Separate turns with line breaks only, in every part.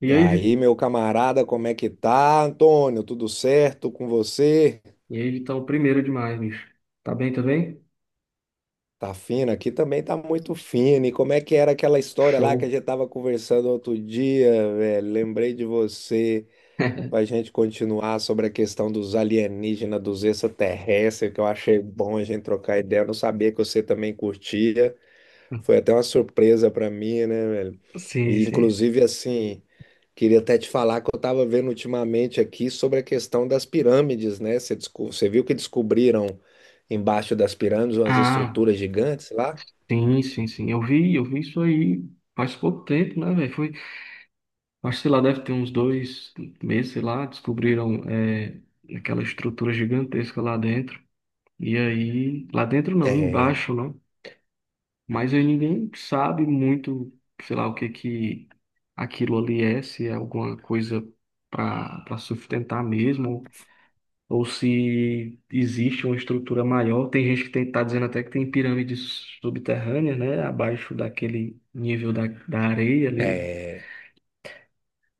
E
E
aí, Vi-
aí, meu camarada, como é que tá, Antônio? Tudo certo com você?
e aí, Vitão, primeiro demais, bicho. Tá bem, tá bem?
Tá fino aqui também, tá muito fino. E como é que era aquela história lá que a
Show.
gente tava conversando outro dia, velho? Lembrei de você pra gente continuar sobre a questão dos alienígenas, dos extraterrestres, que eu achei bom a gente trocar ideia. Eu não sabia que você também curtia. Foi até uma surpresa pra mim, né, velho?
Sim,
E
sim.
inclusive assim. Queria até te falar que eu estava vendo ultimamente aqui sobre a questão das pirâmides, né? Você, você viu que descobriram embaixo das pirâmides umas
Ah,
estruturas gigantes lá?
sim, sim. Eu vi isso aí faz pouco tempo, né, velho? Foi, acho, que, sei lá, deve ter uns dois meses, sei lá, descobriram aquela estrutura gigantesca lá dentro. E aí, lá dentro não,
É,
embaixo, né? Mas aí ninguém sabe muito, sei lá, o que que aquilo ali é, se é alguma coisa para sustentar mesmo ou se existe uma estrutura maior. Tem gente que está dizendo até que tem pirâmides subterrâneas, né, abaixo daquele nível da areia ali.
é,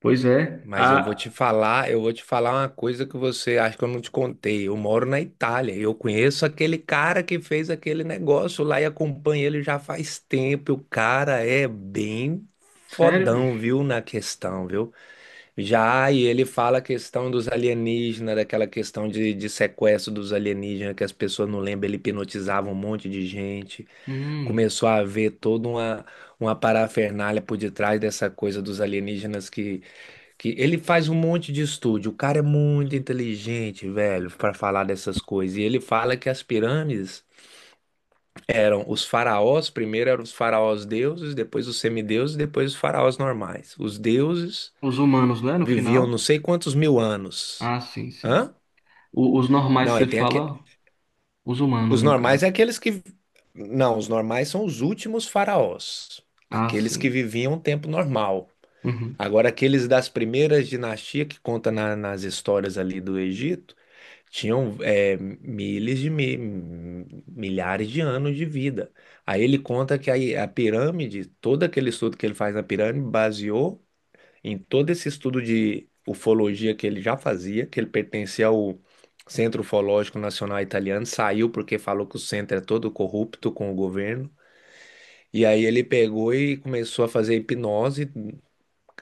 Pois é,
mas eu vou
a...
te falar, eu vou te falar uma coisa que você acha que eu não te contei. Eu moro na Itália, e eu conheço aquele cara que fez aquele negócio lá e acompanho ele já faz tempo. O cara é bem
Sério,
fodão,
bicho?
viu, na questão, viu? Já, e ele fala a questão dos alienígenas, daquela questão de sequestro dos alienígenas, que as pessoas não lembram, ele hipnotizava um monte de gente.
Hum,
Começou a haver toda uma parafernália por detrás dessa coisa dos alienígenas que ele faz um monte de estudo. O cara é muito inteligente, velho, para falar dessas coisas. E ele fala que as pirâmides eram os faraós, primeiro eram os faraós deuses, depois os semideuses, depois os faraós normais. Os deuses
os humanos, né, no
viviam não
final?
sei quantos mil anos.
Ah, sim, sim.
Hã?
Os normais,
Não,
você
aí tem aqui.
fala, os humanos,
Os
no
normais
caso.
é aqueles que. Não, os normais são os últimos faraós,
Ah,
aqueles que
sim.
viviam um tempo normal.
Uhum.
Agora, aqueles das primeiras dinastias que conta nas histórias ali do Egito, tinham é, milhares de milhares de anos de vida. Aí ele conta que a pirâmide, todo aquele estudo que ele faz na pirâmide, baseou em todo esse estudo de ufologia que ele já fazia, que ele pertencia ao Centro Ufológico Nacional Italiano, saiu porque falou que o centro é todo corrupto com o governo. E aí ele pegou e começou a fazer hipnose,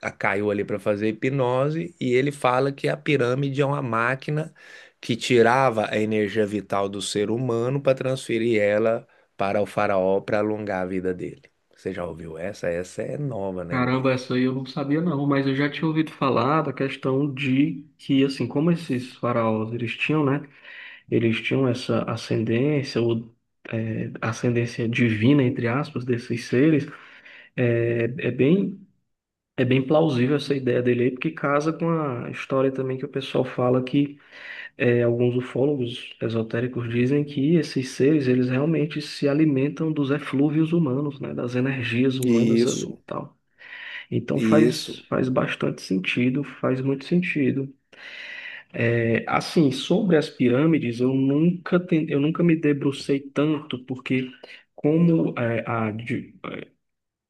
caiu ali para fazer hipnose, e ele fala que a pirâmide é uma máquina que tirava a energia vital do ser humano para transferir ela para o faraó para alongar a vida dele. Você já ouviu essa? Essa é nova, né, velho?
Caramba, essa aí eu não sabia não, mas eu já tinha ouvido falar da questão de que, assim, como esses faraós, eles tinham, né? Eles tinham essa ascendência ou ascendência divina, entre aspas, desses seres, é, é bem, é bem plausível essa ideia dele aí, porque casa com a história também que o pessoal fala que alguns ufólogos esotéricos dizem que esses seres, eles realmente se alimentam dos eflúvios humanos, né, das energias humanas ali e
Isso,
tal. Então
isso.
faz bastante sentido, faz muito sentido. É, assim, sobre as pirâmides, eu nunca me debrucei tanto, porque como é,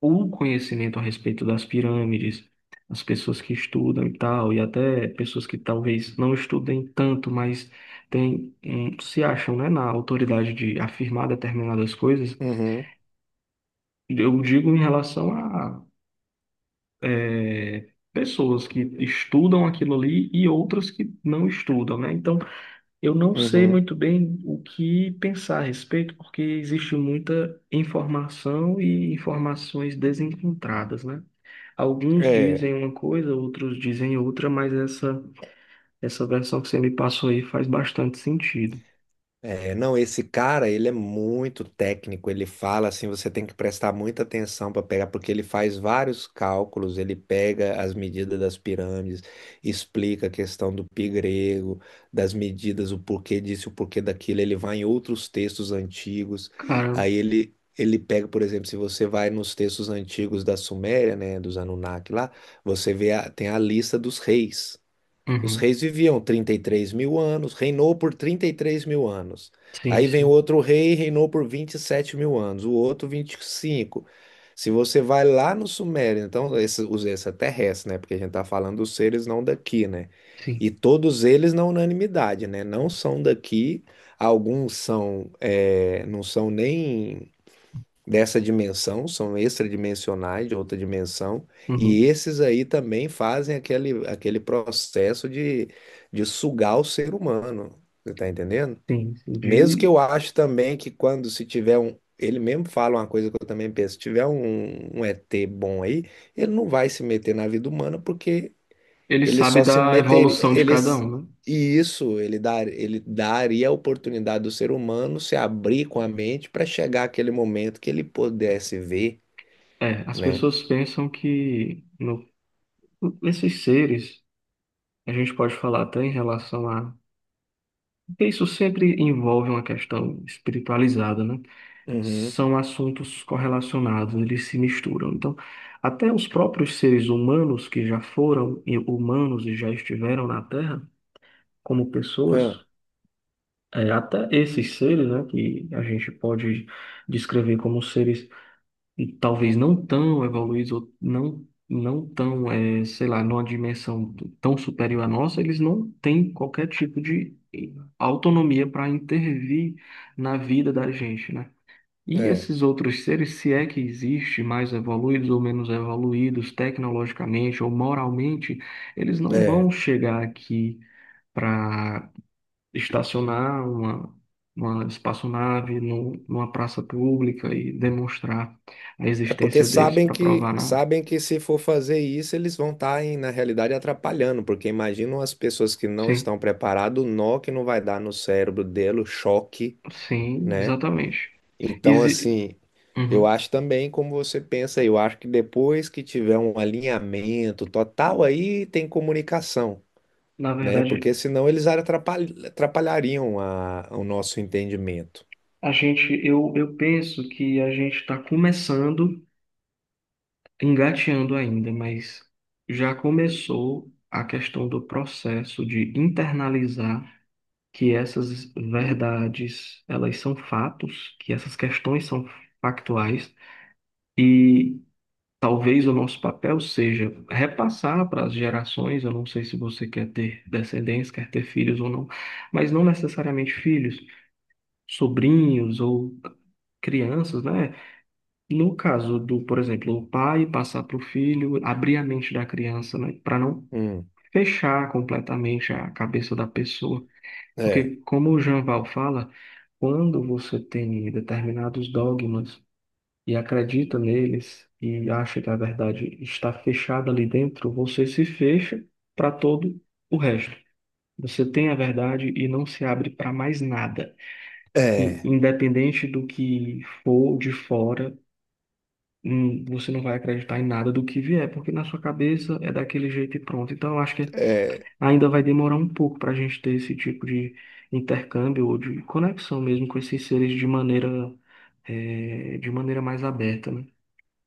o conhecimento a respeito das pirâmides, as pessoas que estudam e tal, e até pessoas que talvez não estudem tanto, mas tem, se acham, né, na autoridade de afirmar determinadas coisas,
Uhum.
eu digo em relação a pessoas que estudam aquilo ali e outras que não estudam, né? Então, eu não sei
Uhum.
muito bem o que pensar a respeito, porque existe muita informação e informações desencontradas, né? Alguns
É,
dizem uma coisa, outros dizem outra, mas essa versão que você me passou aí faz bastante sentido.
não, esse cara, ele é muito técnico, ele fala assim, você tem que prestar muita atenção para pegar, porque ele faz vários cálculos, ele pega as medidas das pirâmides, explica a questão do pi grego, das medidas, o porquê disso, o porquê daquilo, ele vai em outros textos antigos,
Cara,
aí ele pega, por exemplo, se você vai nos textos antigos da Suméria, né, dos Anunnaki lá, você vê, tem a lista dos reis. Os
uhum,
reis viviam 33 mil anos, reinou por 33 mil anos.
sim,
Aí vem
sim,
outro rei, reinou por 27 mil anos, o outro 25. Se você vai lá no Sumério, então, esse, os extraterrestres, né? Porque a gente está falando dos seres não daqui, né?
sim,
E todos eles na unanimidade, né? Não são daqui, alguns são, é, não são nem dessa dimensão, são extradimensionais de outra dimensão, e
uhum,
esses aí também fazem aquele, aquele processo de sugar o ser humano, você tá entendendo?
sim, sim.
Mesmo que eu acho também que quando se tiver um, ele mesmo fala uma coisa que eu também penso, se tiver um, um ET bom aí, ele não vai se meter na vida humana porque
Ele
ele
sabe
só se
da
meteria.
evolução de cada
Eles,
um, né?
e isso ele, dar, ele daria a oportunidade do ser humano se abrir com a mente para chegar àquele momento que ele pudesse ver,
É, as
né?
pessoas pensam que no, nesses seres, a gente pode falar até em relação a porque isso sempre envolve uma questão espiritualizada, né?
Uhum.
São assuntos correlacionados, eles se misturam. Então, até os próprios seres humanos que já foram e- humanos e já estiveram na Terra, como
É,
pessoas, até esses seres, né, que a gente pode descrever como seres e talvez não tão evoluídos, ou não, sei lá, numa dimensão tão superior à nossa, eles não têm qualquer tipo de autonomia para intervir na vida da gente, né? E
é,
esses outros seres, se é que existe, mais evoluídos ou menos evoluídos tecnologicamente ou moralmente, eles não
é.
vão chegar aqui para estacionar uma espaçonave no, numa praça pública e demonstrar a
É porque
existência deles para provar nada.
sabem que se for fazer isso, eles vão estar, na realidade, atrapalhando, porque imaginam as pessoas que não
Sim,
estão preparadas, o nó que não vai dar no cérebro dele, o choque,
sim,
né?
exatamente.
Então,
Exi-
assim, eu
Uhum.
acho também como você pensa, eu acho que depois que tiver um alinhamento total, aí tem comunicação,
Na
né?
verdade,
Porque senão eles atrapalhariam o nosso entendimento.
eu penso que a gente está começando, engateando ainda, mas já começou a questão do processo de internalizar que essas verdades, elas são fatos, que essas questões são factuais. E talvez o nosso papel seja repassar para as gerações. Eu não sei se você quer ter descendência, quer ter filhos ou não, mas não necessariamente filhos, sobrinhos ou crianças, né? No caso do, por exemplo, o pai passar para o filho, abrir a mente da criança, né? Para não
Hum,
fechar completamente a cabeça da pessoa.
é,
Porque, como o Jean Val fala, quando você tem determinados dogmas e acredita neles e acha que a verdade está fechada ali dentro, você se fecha para todo o resto. Você tem a verdade e não se abre para mais nada.
é,
Independente do que for de fora, você não vai acreditar em nada do que vier, porque na sua cabeça é daquele jeito e pronto. Então, eu acho que
é,
ainda vai demorar um pouco para a gente ter esse tipo de intercâmbio ou de conexão mesmo com esses seres de maneira, de maneira mais aberta, né?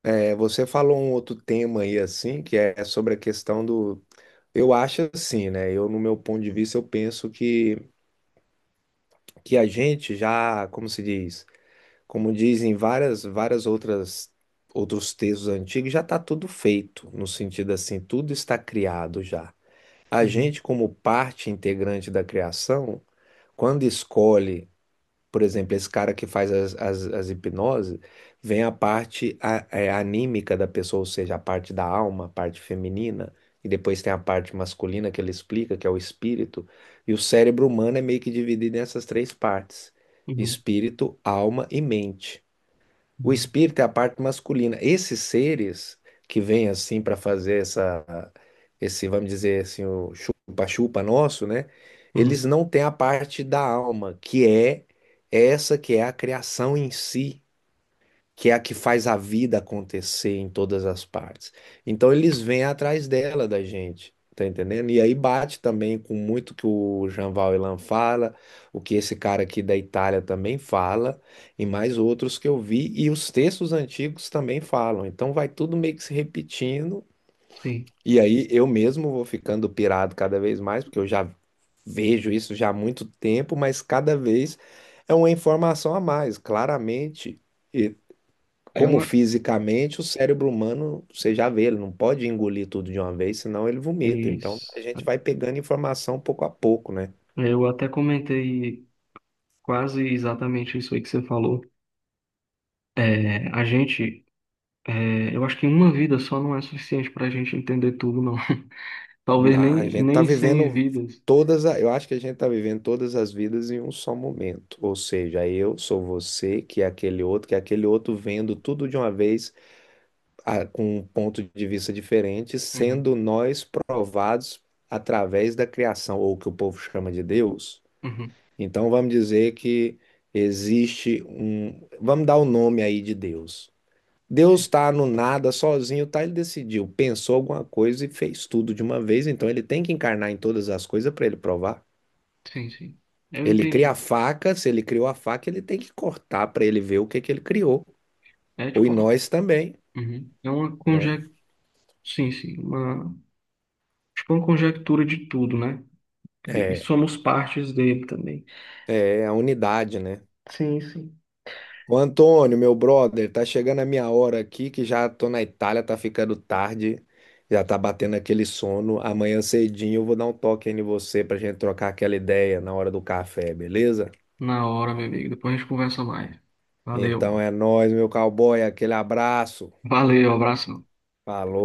Você falou um outro tema aí assim, que é sobre a questão do. Eu acho assim, né? Eu, no meu ponto de vista, eu penso que a gente já, como se diz? Como dizem várias outras outros textos antigos, já está tudo feito, no sentido assim, tudo está criado já. A
Uhum.
gente, como parte integrante da criação, quando escolhe, por exemplo, esse cara que faz as hipnoses, vem a parte é, anímica da pessoa, ou seja, a parte da alma, a parte feminina, e depois tem a parte masculina que ele explica, que é o espírito, e o cérebro humano é meio que dividido nessas três partes:
Uhum.
espírito, alma e mente. O
Uhum.
espírito é a parte masculina. Esses seres que vêm assim para fazer essa, esse, vamos dizer assim, o chupa-chupa nosso, né? Eles
Uhum.
não têm a parte da alma, que é essa que é a criação em si que é a que faz a vida acontecer em todas as partes. Então eles vêm atrás dela, da gente, tá entendendo? E aí bate também com muito que o Jean Valjean fala, o que esse cara aqui da Itália também fala, e mais outros que eu vi, e os textos antigos também falam. Então vai tudo meio que se repetindo,
Sim.
e aí eu mesmo vou ficando pirado cada vez mais, porque eu já vejo isso já há muito tempo, mas cada vez é uma informação a mais. Claramente
É
como
uma.
fisicamente, o cérebro humano, você já vê, ele não pode engolir tudo de uma vez, senão ele
É
vomita. Então,
isso.
a gente vai pegando informação pouco a pouco, né?
Eu até comentei quase exatamente isso aí que você falou. É, a gente. É, eu acho que uma vida só não é suficiente para a gente entender tudo, não. Talvez
A gente tá
nem cem
vivendo
vidas.
todas, eu acho que a gente tá vivendo todas as vidas em um só momento. Ou seja, eu sou você, que é aquele outro, que é aquele outro vendo tudo de uma vez, com um ponto de vista diferente,
Uhum.
sendo nós provados através da criação, ou o que o povo chama de Deus.
Uhum.
Então vamos dizer que existe um. Vamos dar o nome aí de Deus. Deus
Sim.
está no nada sozinho, tá? Ele decidiu, pensou alguma coisa e fez tudo de uma vez. Então ele tem que encarnar em todas as coisas para ele provar.
Sim, sim. Eu
Ele cria a
entendi.
faca, se ele criou a faca, ele tem que cortar para ele ver o que que ele criou.
É
Ou em
tipo.
nós também,
Uhum. É uma
né?
conjectura. Sim, sim. Uma, tipo uma conjectura de tudo, né? E
É,
somos partes dele também.
é a unidade, né?
Sim, sim.
Ô Antônio, meu brother, tá chegando a minha hora aqui, que já tô na Itália, tá ficando tarde, já tá batendo aquele sono. Amanhã cedinho eu vou dar um toque aí em você pra gente trocar aquela ideia na hora do café, beleza?
Na hora, meu amigo. Depois a gente conversa mais.
Então
Valeu.
é nóis, meu cowboy, aquele abraço.
Valeu, abraço.
Falou.